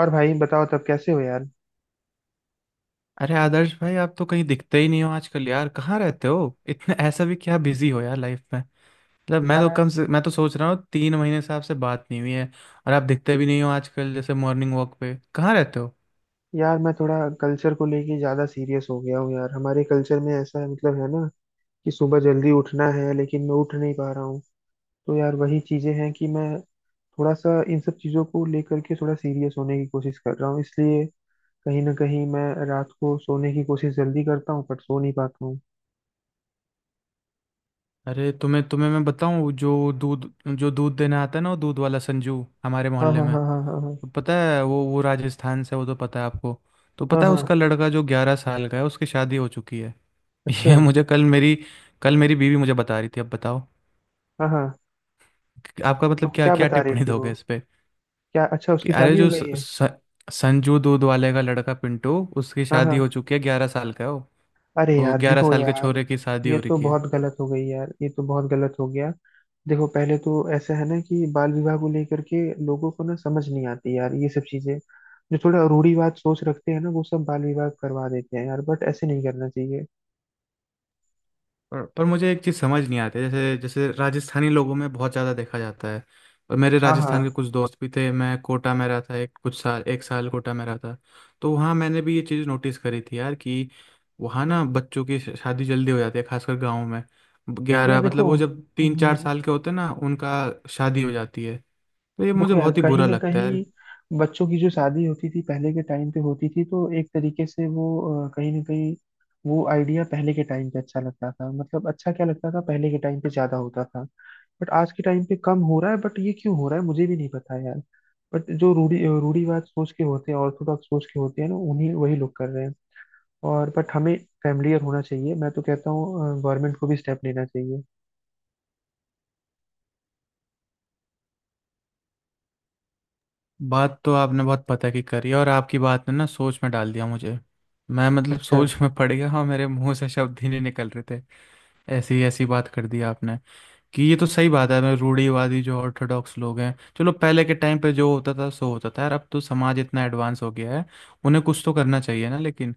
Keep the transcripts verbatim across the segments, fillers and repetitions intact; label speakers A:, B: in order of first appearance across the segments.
A: और भाई बताओ, तब कैसे हो यार।
B: अरे आदर्श भाई, आप तो कहीं दिखते ही नहीं हो आजकल यार। कहाँ रहते हो? इतने ऐसा भी क्या बिजी हो यार लाइफ में? मतलब मैं तो
A: यार
B: कम से मैं तो सोच रहा हूँ तीन महीने से आपसे बात नहीं हुई है। और आप दिखते भी नहीं हो आजकल, जैसे मॉर्निंग वॉक पे कहाँ रहते हो?
A: यार मैं थोड़ा कल्चर को लेके ज्यादा सीरियस हो गया हूँ यार। हमारे कल्चर में ऐसा है, मतलब है ना, कि सुबह जल्दी उठना है लेकिन मैं उठ नहीं पा रहा हूँ। तो यार वही चीजें हैं कि मैं थोड़ा सा इन सब चीजों को लेकर के थोड़ा सीरियस होने की कोशिश कर रहा हूँ, इसलिए कहीं ना कहीं मैं रात को सोने की कोशिश जल्दी करता हूँ पर सो नहीं पाता हूँ।
B: अरे तुम्हें तुम्हें मैं बताऊँ, जो दूध जो दूध देने आता है ना, वो दूध वाला संजू हमारे
A: हाँ
B: मोहल्ले
A: हाँ
B: में।
A: हाँ हाँ हाँ
B: तो पता है वो वो राजस्थान से, वो तो पता है आपको। तो
A: हाँ
B: पता है
A: हाँ हाँ।
B: उसका लड़का जो ग्यारह साल का है, उसकी शादी हो चुकी है।
A: अच्छा।
B: ये मुझे कल मेरी, कल मेरी बीवी मुझे बता रही थी। अब बताओ
A: हाँ हाँ।
B: आपका
A: तो
B: मतलब क्या
A: क्या
B: क्या
A: बता रही
B: टिप्पणी
A: थी वो?
B: दोगे इस पे?
A: क्या, अच्छा,
B: कि
A: उसकी
B: अरे
A: शादी हो
B: जो स,
A: गई है?
B: स, संजू दूध वाले का लड़का पिंटू, उसकी
A: हाँ
B: शादी हो
A: हाँ।
B: चुकी है। ग्यारह साल का है वो।
A: अरे
B: वो
A: यार,
B: ग्यारह
A: देखो
B: साल के
A: यार,
B: छोरे की शादी
A: ये
B: हो
A: तो
B: रखी है।
A: बहुत गलत हो गई यार, ये तो बहुत गलत हो गया। देखो, पहले तो ऐसा है ना कि बाल विवाह को लेकर के लोगों को ना समझ नहीं आती यार, ये सब चीजें। जो थोड़ा रूढ़िवाद सोच रखते हैं ना, वो सब बाल विवाह करवा देते हैं यार, बट ऐसे नहीं करना चाहिए।
B: पर पर मुझे एक चीज़ समझ नहीं आती, जैसे जैसे राजस्थानी लोगों में बहुत ज़्यादा देखा जाता है। और मेरे
A: हाँ हाँ।
B: राजस्थान के कुछ दोस्त भी थे, मैं कोटा में रहा था, एक कुछ साल एक साल कोटा में रहा था। तो वहाँ मैंने भी ये चीज़ नोटिस करी थी यार, कि वहाँ ना बच्चों की श- शादी जल्दी हो जाती है, खासकर गाँव में।
A: यार
B: ग्यारह मतलब
A: देखो।
B: वो जब तीन चार
A: अम,
B: साल के होते हैं ना, उनका शादी हो जाती है। तो ये मुझे
A: देखो यार,
B: बहुत ही
A: कहीं
B: बुरा
A: ना
B: लगता है
A: कहीं
B: यार।
A: बच्चों की जो शादी होती थी, पहले के टाइम पे होती थी, तो एक तरीके से वो, अ, कहीं ना कहीं, वो आइडिया पहले के टाइम पे अच्छा लगता था। मतलब अच्छा क्या लगता था, पहले के टाइम पे ज्यादा होता था बट आज के टाइम पे कम हो रहा है। बट ये क्यों हो रहा है, मुझे भी नहीं पता यार। बट जो रूढ़ी रूढ़ीवाद सोच के होते हैं, ऑर्थोडॉक्स सोच के होते हैं ना, उन्हीं, वही लोग कर रहे हैं। और बट हमें फैमिलियर होना चाहिए। मैं तो कहता हूँ गवर्नमेंट को भी स्टेप लेना चाहिए।
B: बात तो आपने बहुत पता की करी है, और आपकी बात ने ना सोच में डाल दिया मुझे। मैं मतलब
A: अच्छा।
B: सोच में पड़ गया, हाँ, मेरे मुंह से शब्द ही नहीं निकल रहे थे। ऐसी ऐसी बात कर दी आपने कि ये तो सही बात है। मैं रूढ़िवादी जो ऑर्थोडॉक्स लोग हैं, चलो पहले के टाइम पे जो होता था सो होता था यार, अब तो समाज इतना एडवांस हो गया है। उन्हें कुछ तो करना चाहिए ना, लेकिन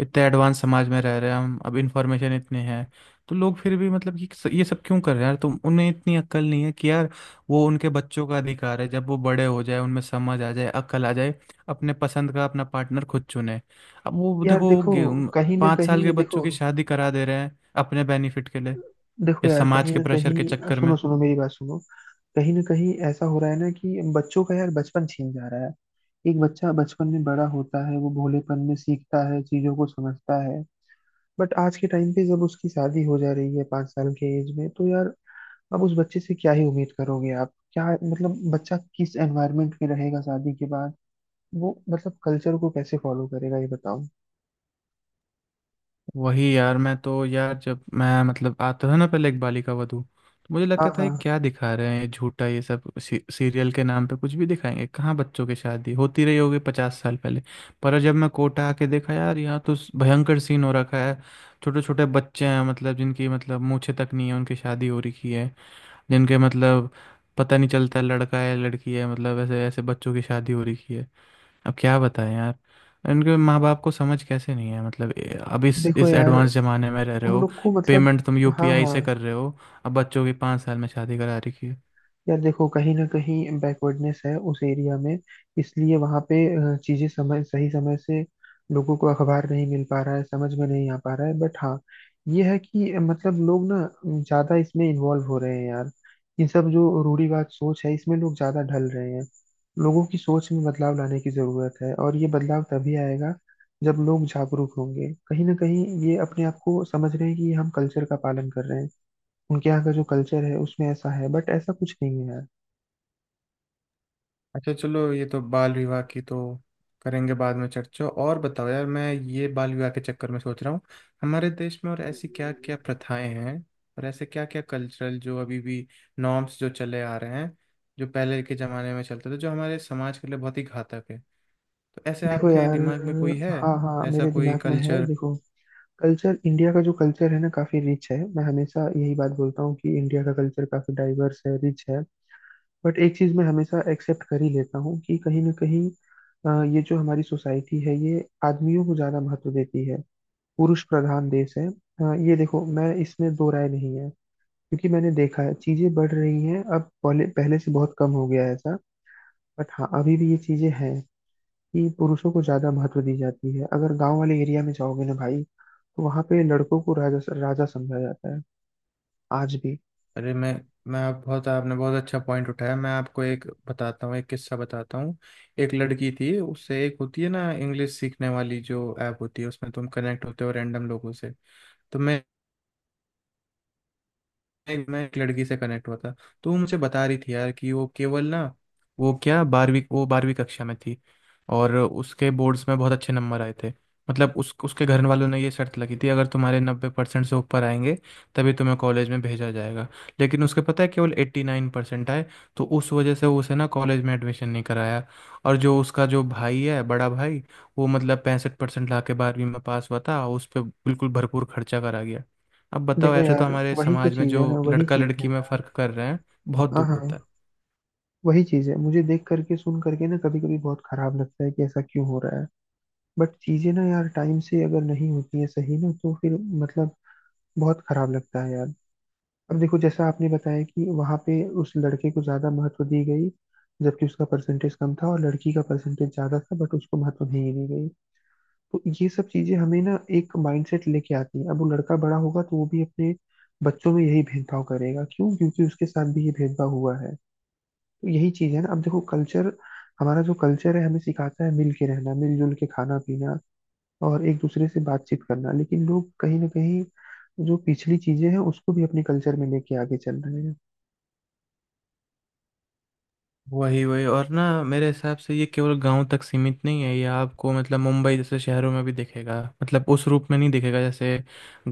B: इतने एडवांस समाज में रह रहे हैं हम, अब इन्फॉर्मेशन इतनी है। तो लोग फिर भी मतलब कि स- ये सब क्यों कर रहे हैं यार? तुम उन्हें इतनी अक्ल नहीं है कि यार, वो उनके बच्चों का अधिकार है। जब वो बड़े हो जाए, उनमें समझ आ जाए, अक्ल आ जाए, अपने पसंद का अपना पार्टनर खुद चुने। अब वो
A: यार
B: देखो वो
A: देखो,
B: गे- उम,
A: कहीं ना
B: पाँच साल
A: कहीं
B: के
A: देखो।
B: बच्चों की शादी करा दे रहे हैं अपने बेनिफिट के लिए,
A: देखो
B: या
A: यार,
B: समाज
A: कहीं
B: के
A: ना
B: प्रेशर के
A: कहीं,
B: चक्कर
A: सुनो
B: में।
A: सुनो मेरी बात सुनो। कहीं ना कहीं ऐसा हो रहा है ना कि बच्चों का यार बचपन छीन जा रहा है। एक बच्चा बचपन में बड़ा होता है, वो भोलेपन में सीखता है, चीजों को समझता है। बट आज के टाइम पे जब उसकी शादी हो जा रही है पांच साल के एज में, तो यार अब उस बच्चे से क्या ही उम्मीद करोगे आप? क्या मतलब, बच्चा किस एनवायरनमेंट में रहेगा शादी के बाद? वो मतलब कल्चर को कैसे फॉलो करेगा, ये बताओ।
B: वही यार, मैं तो यार जब मैं मतलब आता था ना पहले इकबाली का वधू, तो मुझे
A: हाँ
B: लगता था ये
A: हाँ।
B: क्या दिखा रहे हैं, ये झूठा, ये सब सी, सीरियल के नाम पे कुछ भी दिखाएंगे। कहाँ बच्चों की शादी होती रही होगी पचास साल पहले? पर जब मैं कोटा आके देखा यार, यहाँ तो भयंकर सीन हो रखा है। छोटे छोटे बच्चे हैं, मतलब जिनकी मतलब मूछें तक नहीं है उनकी शादी हो रखी है। जिनके मतलब पता नहीं चलता लड़का है लड़की है, मतलब ऐसे ऐसे बच्चों की शादी हो रखी है। अब क्या बताएं यार, इनके माँ बाप को समझ कैसे नहीं है? मतलब ए- अब इस
A: देखो
B: इस
A: यार,
B: एडवांस ज़माने में रह रहे
A: उन
B: हो।
A: लोग को मतलब।
B: पेमेंट तुम
A: हाँ
B: यूपीआई
A: हाँ।
B: से कर रहे हो, अब बच्चों की पाँच साल में शादी करा रखी है।
A: यार देखो, कहीं ना कहीं बैकवर्डनेस है उस एरिया में, इसलिए वहाँ पे अ, चीजें समय, सही समय से लोगों को अखबार नहीं मिल पा रहा है, समझ में नहीं आ पा रहा है। बट हाँ, ये है कि अ, मतलब लोग ना ज्यादा इसमें इन्वॉल्व हो रहे हैं यार। ये सब जो रूढ़िवाद सोच है, इसमें लोग ज्यादा ढल रहे हैं। लोगों की सोच में बदलाव लाने की जरूरत है, और ये बदलाव तभी आएगा जब लोग जागरूक होंगे। कहीं ना कहीं ये अपने आप को समझ रहे हैं कि हम कल्चर का पालन कर रहे हैं। उनके यहाँ का जो कल्चर है उसमें ऐसा है, बट ऐसा कुछ नहीं है यार।
B: अच्छा चलो, ये तो बाल विवाह की तो करेंगे बाद में चर्चा। और बताओ यार, मैं ये बाल विवाह के चक्कर में सोच रहा हूँ हमारे देश में और ऐसी क्या क्या प्रथाएं हैं, और ऐसे क्या क्या कल्चरल जो अभी भी नॉर्म्स जो चले आ रहे हैं, जो पहले के जमाने में चलते थे, जो हमारे समाज के लिए बहुत ही घातक है। तो ऐसे
A: देखो
B: आपके
A: यार।
B: दिमाग में कोई है
A: हाँ हाँ,
B: ऐसा
A: मेरे
B: कोई
A: दिमाग में है,
B: कल्चर?
A: देखो। कल्चर, इंडिया का जो कल्चर है ना, काफी रिच है। मैं हमेशा यही बात बोलता हूँ कि इंडिया का कल्चर काफी डाइवर्स है, रिच है। बट एक चीज मैं हमेशा एक्सेप्ट कर ही लेता हूँ कि कहीं ना कहीं अ, ये जो हमारी सोसाइटी है, ये आदमियों को ज्यादा महत्व देती है। पुरुष प्रधान देश है, अ, ये देखो, मैं इसमें दो राय नहीं है। क्योंकि मैंने देखा है चीजें बढ़ रही हैं, अब पहले पहले से बहुत कम हो गया है ऐसा। बट हाँ, अभी भी ये चीजें हैं कि पुरुषों को ज्यादा महत्व दी जाती है। अगर गांव वाले एरिया में जाओगे ना भाई, तो वहां पे लड़कों को राजा राजा समझा जाता है, आज भी।
B: अरे मैं मैं आप बहुत आपने बहुत अच्छा पॉइंट उठाया। मैं आपको एक बताता हूँ, एक किस्सा बताता हूँ। एक लड़की थी, उससे, एक होती है ना इंग्लिश सीखने वाली जो ऐप होती है, उसमें तुम कनेक्ट होते हो रैंडम लोगों से। तो मैं एक- मैं एक लड़की से कनेक्ट हुआ था। तो वो मुझे बता रही थी यार कि वो केवल ना, वो क्या बारहवीं, वो बारहवीं कक्षा में थी, और उसके बोर्ड्स में बहुत अच्छे नंबर आए थे। मतलब उस उसके घर वालों ने ये शर्त लगी थी, अगर तुम्हारे नब्बे परसेंट से ऊपर आएंगे तभी तुम्हें कॉलेज में भेजा जाएगा। लेकिन उसके पता है केवल एट्टी नाइन परसेंट आए, तो उस वजह से उसे ना कॉलेज में एडमिशन नहीं कराया। और जो उसका जो भाई है, बड़ा भाई, वो मतलब पैंसठ परसेंट ला के बारहवीं में पास हुआ था, उस पर बिल्कुल भरपूर खर्चा करा गया। अब बताओ,
A: देखो
B: ऐसे तो
A: यार,
B: हमारे
A: वही तो
B: समाज में
A: चीज
B: जो
A: है ना, वही
B: लड़का
A: चीज है
B: लड़की में
A: यार।
B: फर्क कर रहे हैं, बहुत
A: हाँ
B: दुख
A: हाँ।
B: होता है।
A: वही चीज है। मुझे देख करके सुन करके ना कभी कभी बहुत खराब लगता है कि ऐसा क्यों हो रहा है। बट चीजें ना यार टाइम से अगर नहीं होती है सही ना, तो फिर, मतलब, बहुत खराब लगता है यार। अब देखो, जैसा आपने बताया कि वहां पे उस लड़के को ज्यादा महत्व दी गई, जबकि उसका परसेंटेज कम था और लड़की का परसेंटेज ज्यादा था, बट उसको महत्व नहीं दी गई। तो ये सब चीजें हमें ना एक माइंडसेट लेके आती है। अब वो लड़का बड़ा होगा तो वो भी अपने बच्चों में यही भेदभाव करेगा। क्यों? क्योंकि उसके साथ भी ये भेदभाव हुआ है। तो यही चीज है ना। अब देखो, कल्चर, हमारा जो कल्चर है, हमें सिखाता है मिल के रहना, मिलजुल के खाना पीना, और एक दूसरे से बातचीत करना। लेकिन लोग कहीं ना कहीं जो पिछली चीजें हैं उसको भी अपने कल्चर में लेके आगे चल रहे हैं।
B: वही वही, और ना मेरे हिसाब से ये केवल गांव तक सीमित नहीं है, ये आपको मतलब मुंबई जैसे शहरों में भी दिखेगा। मतलब उस रूप में नहीं दिखेगा जैसे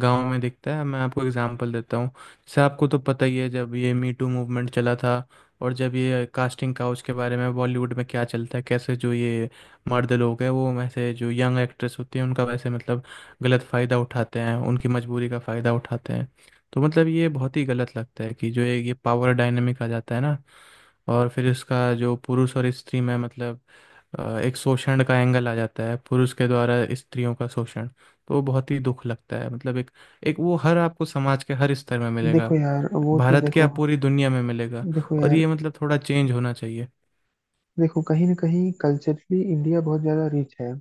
B: गांव में दिखता है। मैं आपको एग्जांपल देता हूँ, जैसे आपको तो पता ही है जब ये मी टू मूवमेंट चला था, और जब ये कास्टिंग काउच के बारे में बॉलीवुड में क्या चलता है कैसे, जो ये मर्द लोग हैं वो वैसे, जो यंग एक्ट्रेस होती हैं उनका वैसे मतलब गलत फ़ायदा उठाते हैं, उनकी मजबूरी का फ़ायदा उठाते हैं। तो मतलब ये बहुत ही गलत लगता है कि जो एक ये पावर डायनेमिक आ जाता है ना, और फिर इसका जो पुरुष और स्त्री में मतलब अ, एक शोषण का एंगल आ जाता है, पुरुष के द्वारा स्त्रियों का शोषण। तो वो बहुत ही दुख लगता है। मतलब एक एक वो हर आपको समाज के हर स्तर में
A: देखो
B: मिलेगा,
A: यार, वो तो
B: भारत के,
A: देखो।
B: आप पूरी दुनिया में मिलेगा।
A: देखो
B: और
A: यार,
B: ये मतलब थोड़ा चेंज होना चाहिए।
A: देखो, कहीं ना कहीं कल्चरली इंडिया बहुत ज्यादा रिच है।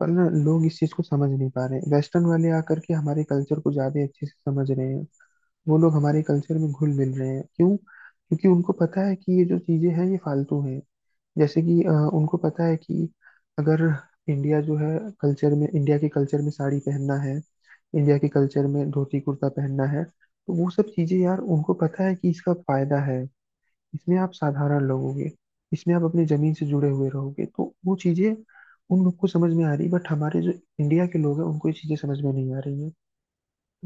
A: पर ना लोग इस चीज को समझ नहीं पा रहे। वेस्टर्न वाले आकर के हमारे कल्चर को ज्यादा अच्छे से समझ रहे हैं। वो लोग हमारे कल्चर में घुल मिल रहे हैं। क्यों? क्योंकि उनको पता है कि ये जो चीजें हैं ये फालतू हैं। जैसे कि अ, उनको पता है कि अगर इंडिया जो है, कल्चर में, इंडिया के कल्चर में साड़ी पहनना है, इंडिया के कल्चर में धोती कुर्ता पहनना है, तो वो सब चीजें, यार उनको पता है कि इसका फायदा है। इसमें आप साधारण लोगोगे, इसमें आप अपनी जमीन से जुड़े हुए रहोगे, तो वो चीजें उन लोग को समझ में आ रही। बट हमारे जो इंडिया के लोग हैं उनको ये चीजें समझ में नहीं आ रही है।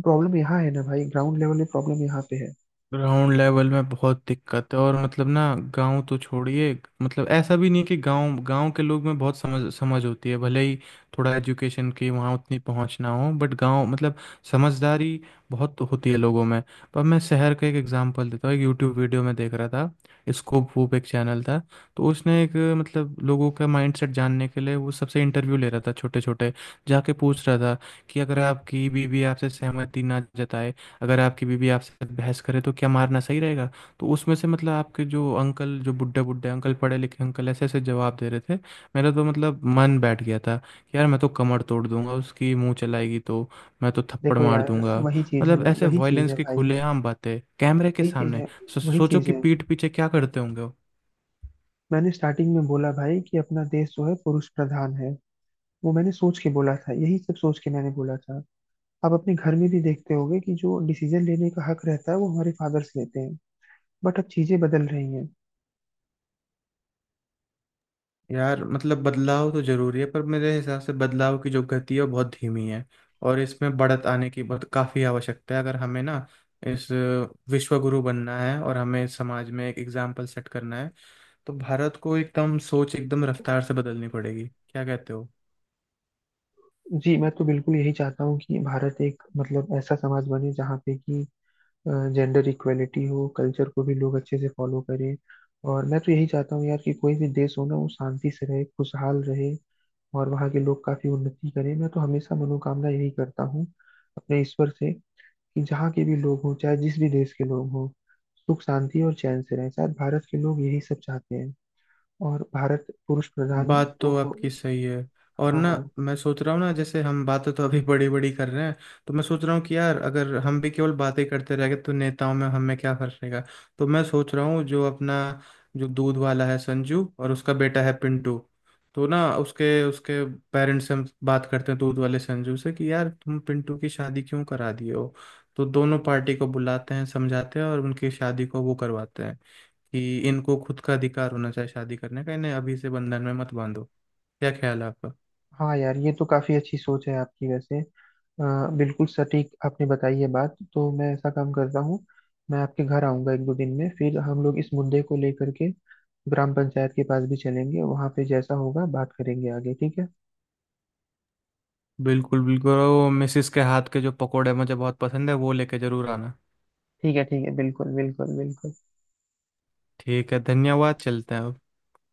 A: प्रॉब्लम यहाँ है ना भाई, ग्राउंड लेवल में प्रॉब्लम यहाँ पे है।
B: ग्राउंड लेवल में बहुत दिक्कत है, और मतलब ना गांव तो छोड़िए, मतलब ऐसा भी नहीं कि गांव गांव के लोग में बहुत समझ समझ होती है। भले ही थोड़ा एजुकेशन की वहाँ उतनी पहुँच ना हो, बट गांव मतलब समझदारी बहुत होती है लोगों में। पर मैं शहर का एक एग्जांपल देता हूँ, एक यूट्यूब वीडियो में देख रहा था, स्कोप वूप एक चैनल था। तो उसने एक मतलब लोगों का माइंडसेट जानने के लिए वो सबसे इंटरव्यू ले रहा था, छोटे छोटे जाके पूछ रहा था कि अगर आपकी बीवी आपसे सहमति ना जताए, अगर आपकी बीवी आपसे बहस करे, तो क्या मारना सही रहेगा? तो उसमें से मतलब आपके जो अंकल, जो बुढ़े बुड्ढे अंकल, पढ़े लिखे अंकल, ऐसे ऐसे जवाब दे रहे थे। मेरा तो मतलब मन बैठ गया था कि यार मैं तो कमर तोड़ दूंगा उसकी, मुंह चलाएगी तो मैं तो थप्पड़
A: देखो
B: मार
A: यार,
B: दूंगा।
A: वही चीज है
B: मतलब
A: ना,
B: ऐसे
A: वही चीज
B: वायलेंस
A: है
B: की
A: भाई।
B: खुलेआम बातें कैमरे के
A: वही चीज
B: सामने,
A: है।
B: सो,
A: वही
B: सोचो
A: चीज
B: कि
A: है।
B: पीठ पीछे क्या करते होंगे?
A: मैंने स्टार्टिंग में बोला भाई कि अपना देश जो है पुरुष प्रधान है। वो मैंने सोच के बोला था, यही सब सोच के मैंने बोला था। आप अपने घर में भी देखते होगे कि जो डिसीजन लेने का हक रहता है वो हमारे फादर्स लेते हैं। बट अब चीजें बदल रही हैं।
B: यार मतलब बदलाव तो जरूरी है, पर मेरे हिसाब से बदलाव की जो गति है वो बहुत धीमी है, और इसमें बढ़त आने की बहुत काफ़ी आवश्यकता है। अगर हमें ना इस विश्व गुरु बनना है और हमें समाज में एक एग्जाम्पल सेट करना है, तो भारत को एकदम सोच एकदम रफ्तार से बदलनी पड़ेगी। क्या कहते हो?
A: जी, मैं तो बिल्कुल यही चाहता हूँ कि भारत एक, मतलब, ऐसा समाज बने जहाँ पे कि जेंडर इक्वेलिटी हो, कल्चर को भी लोग अच्छे से फॉलो करें। और मैं तो यही चाहता हूँ यार कि कोई भी देश हो ना, वो शांति से रहे, खुशहाल रहे, और वहाँ के लोग काफी उन्नति करें। मैं तो हमेशा मनोकामना यही करता हूँ अपने ईश्वर से कि जहाँ के भी लोग हों, चाहे जिस भी देश के लोग हों, सुख शांति और चैन से रहें। शायद भारत के लोग यही सब चाहते हैं। और भारत पुरुष प्रधान
B: बात
A: तो
B: तो
A: हो।
B: आपकी सही है। और
A: हाँ
B: ना,
A: हाँ।
B: मैं सोच रहा हूँ ना, जैसे हम बातें तो अभी बड़ी बड़ी कर रहे हैं, तो मैं सोच रहा हूँ कि यार अगर हम भी केवल बातें करते रह गए, तो नेताओं में हमें क्या फर्क रहेगा? तो मैं सोच रहा हूँ, जो अपना जो दूध वाला है संजू और उसका बेटा है पिंटू, तो ना उसके उसके पेरेंट्स से हम बात करते हैं, दूध वाले संजू से, कि यार तुम पिंटू की शादी क्यों करा दिए हो? तो दोनों पार्टी को बुलाते हैं, समझाते हैं, और उनकी शादी को वो करवाते हैं, कि इनको खुद का अधिकार होना चाहिए शादी करने का, इन्हें अभी से बंधन में मत बांधो। क्या ख्याल है आपका?
A: हाँ यार, ये तो काफी अच्छी सोच है आपकी, वैसे। अ, बिल्कुल सटीक आपने बताई है बात। तो मैं ऐसा काम करता हूँ, मैं आपके घर आऊंगा एक दो दिन में, फिर हम लोग इस मुद्दे को लेकर के ग्राम पंचायत के पास भी चलेंगे, वहां पे जैसा होगा बात करेंगे आगे, ठीक है?
B: बिल्कुल बिल्कुल, और वो मिसिस के हाथ के जो पकोड़े मुझे बहुत पसंद है वो लेके जरूर आना।
A: ठीक है, ठीक है। बिल्कुल बिल्कुल बिल्कुल।
B: ठीक है, धन्यवाद, चलते हैं अब।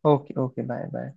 A: Okay okay. Bye bye.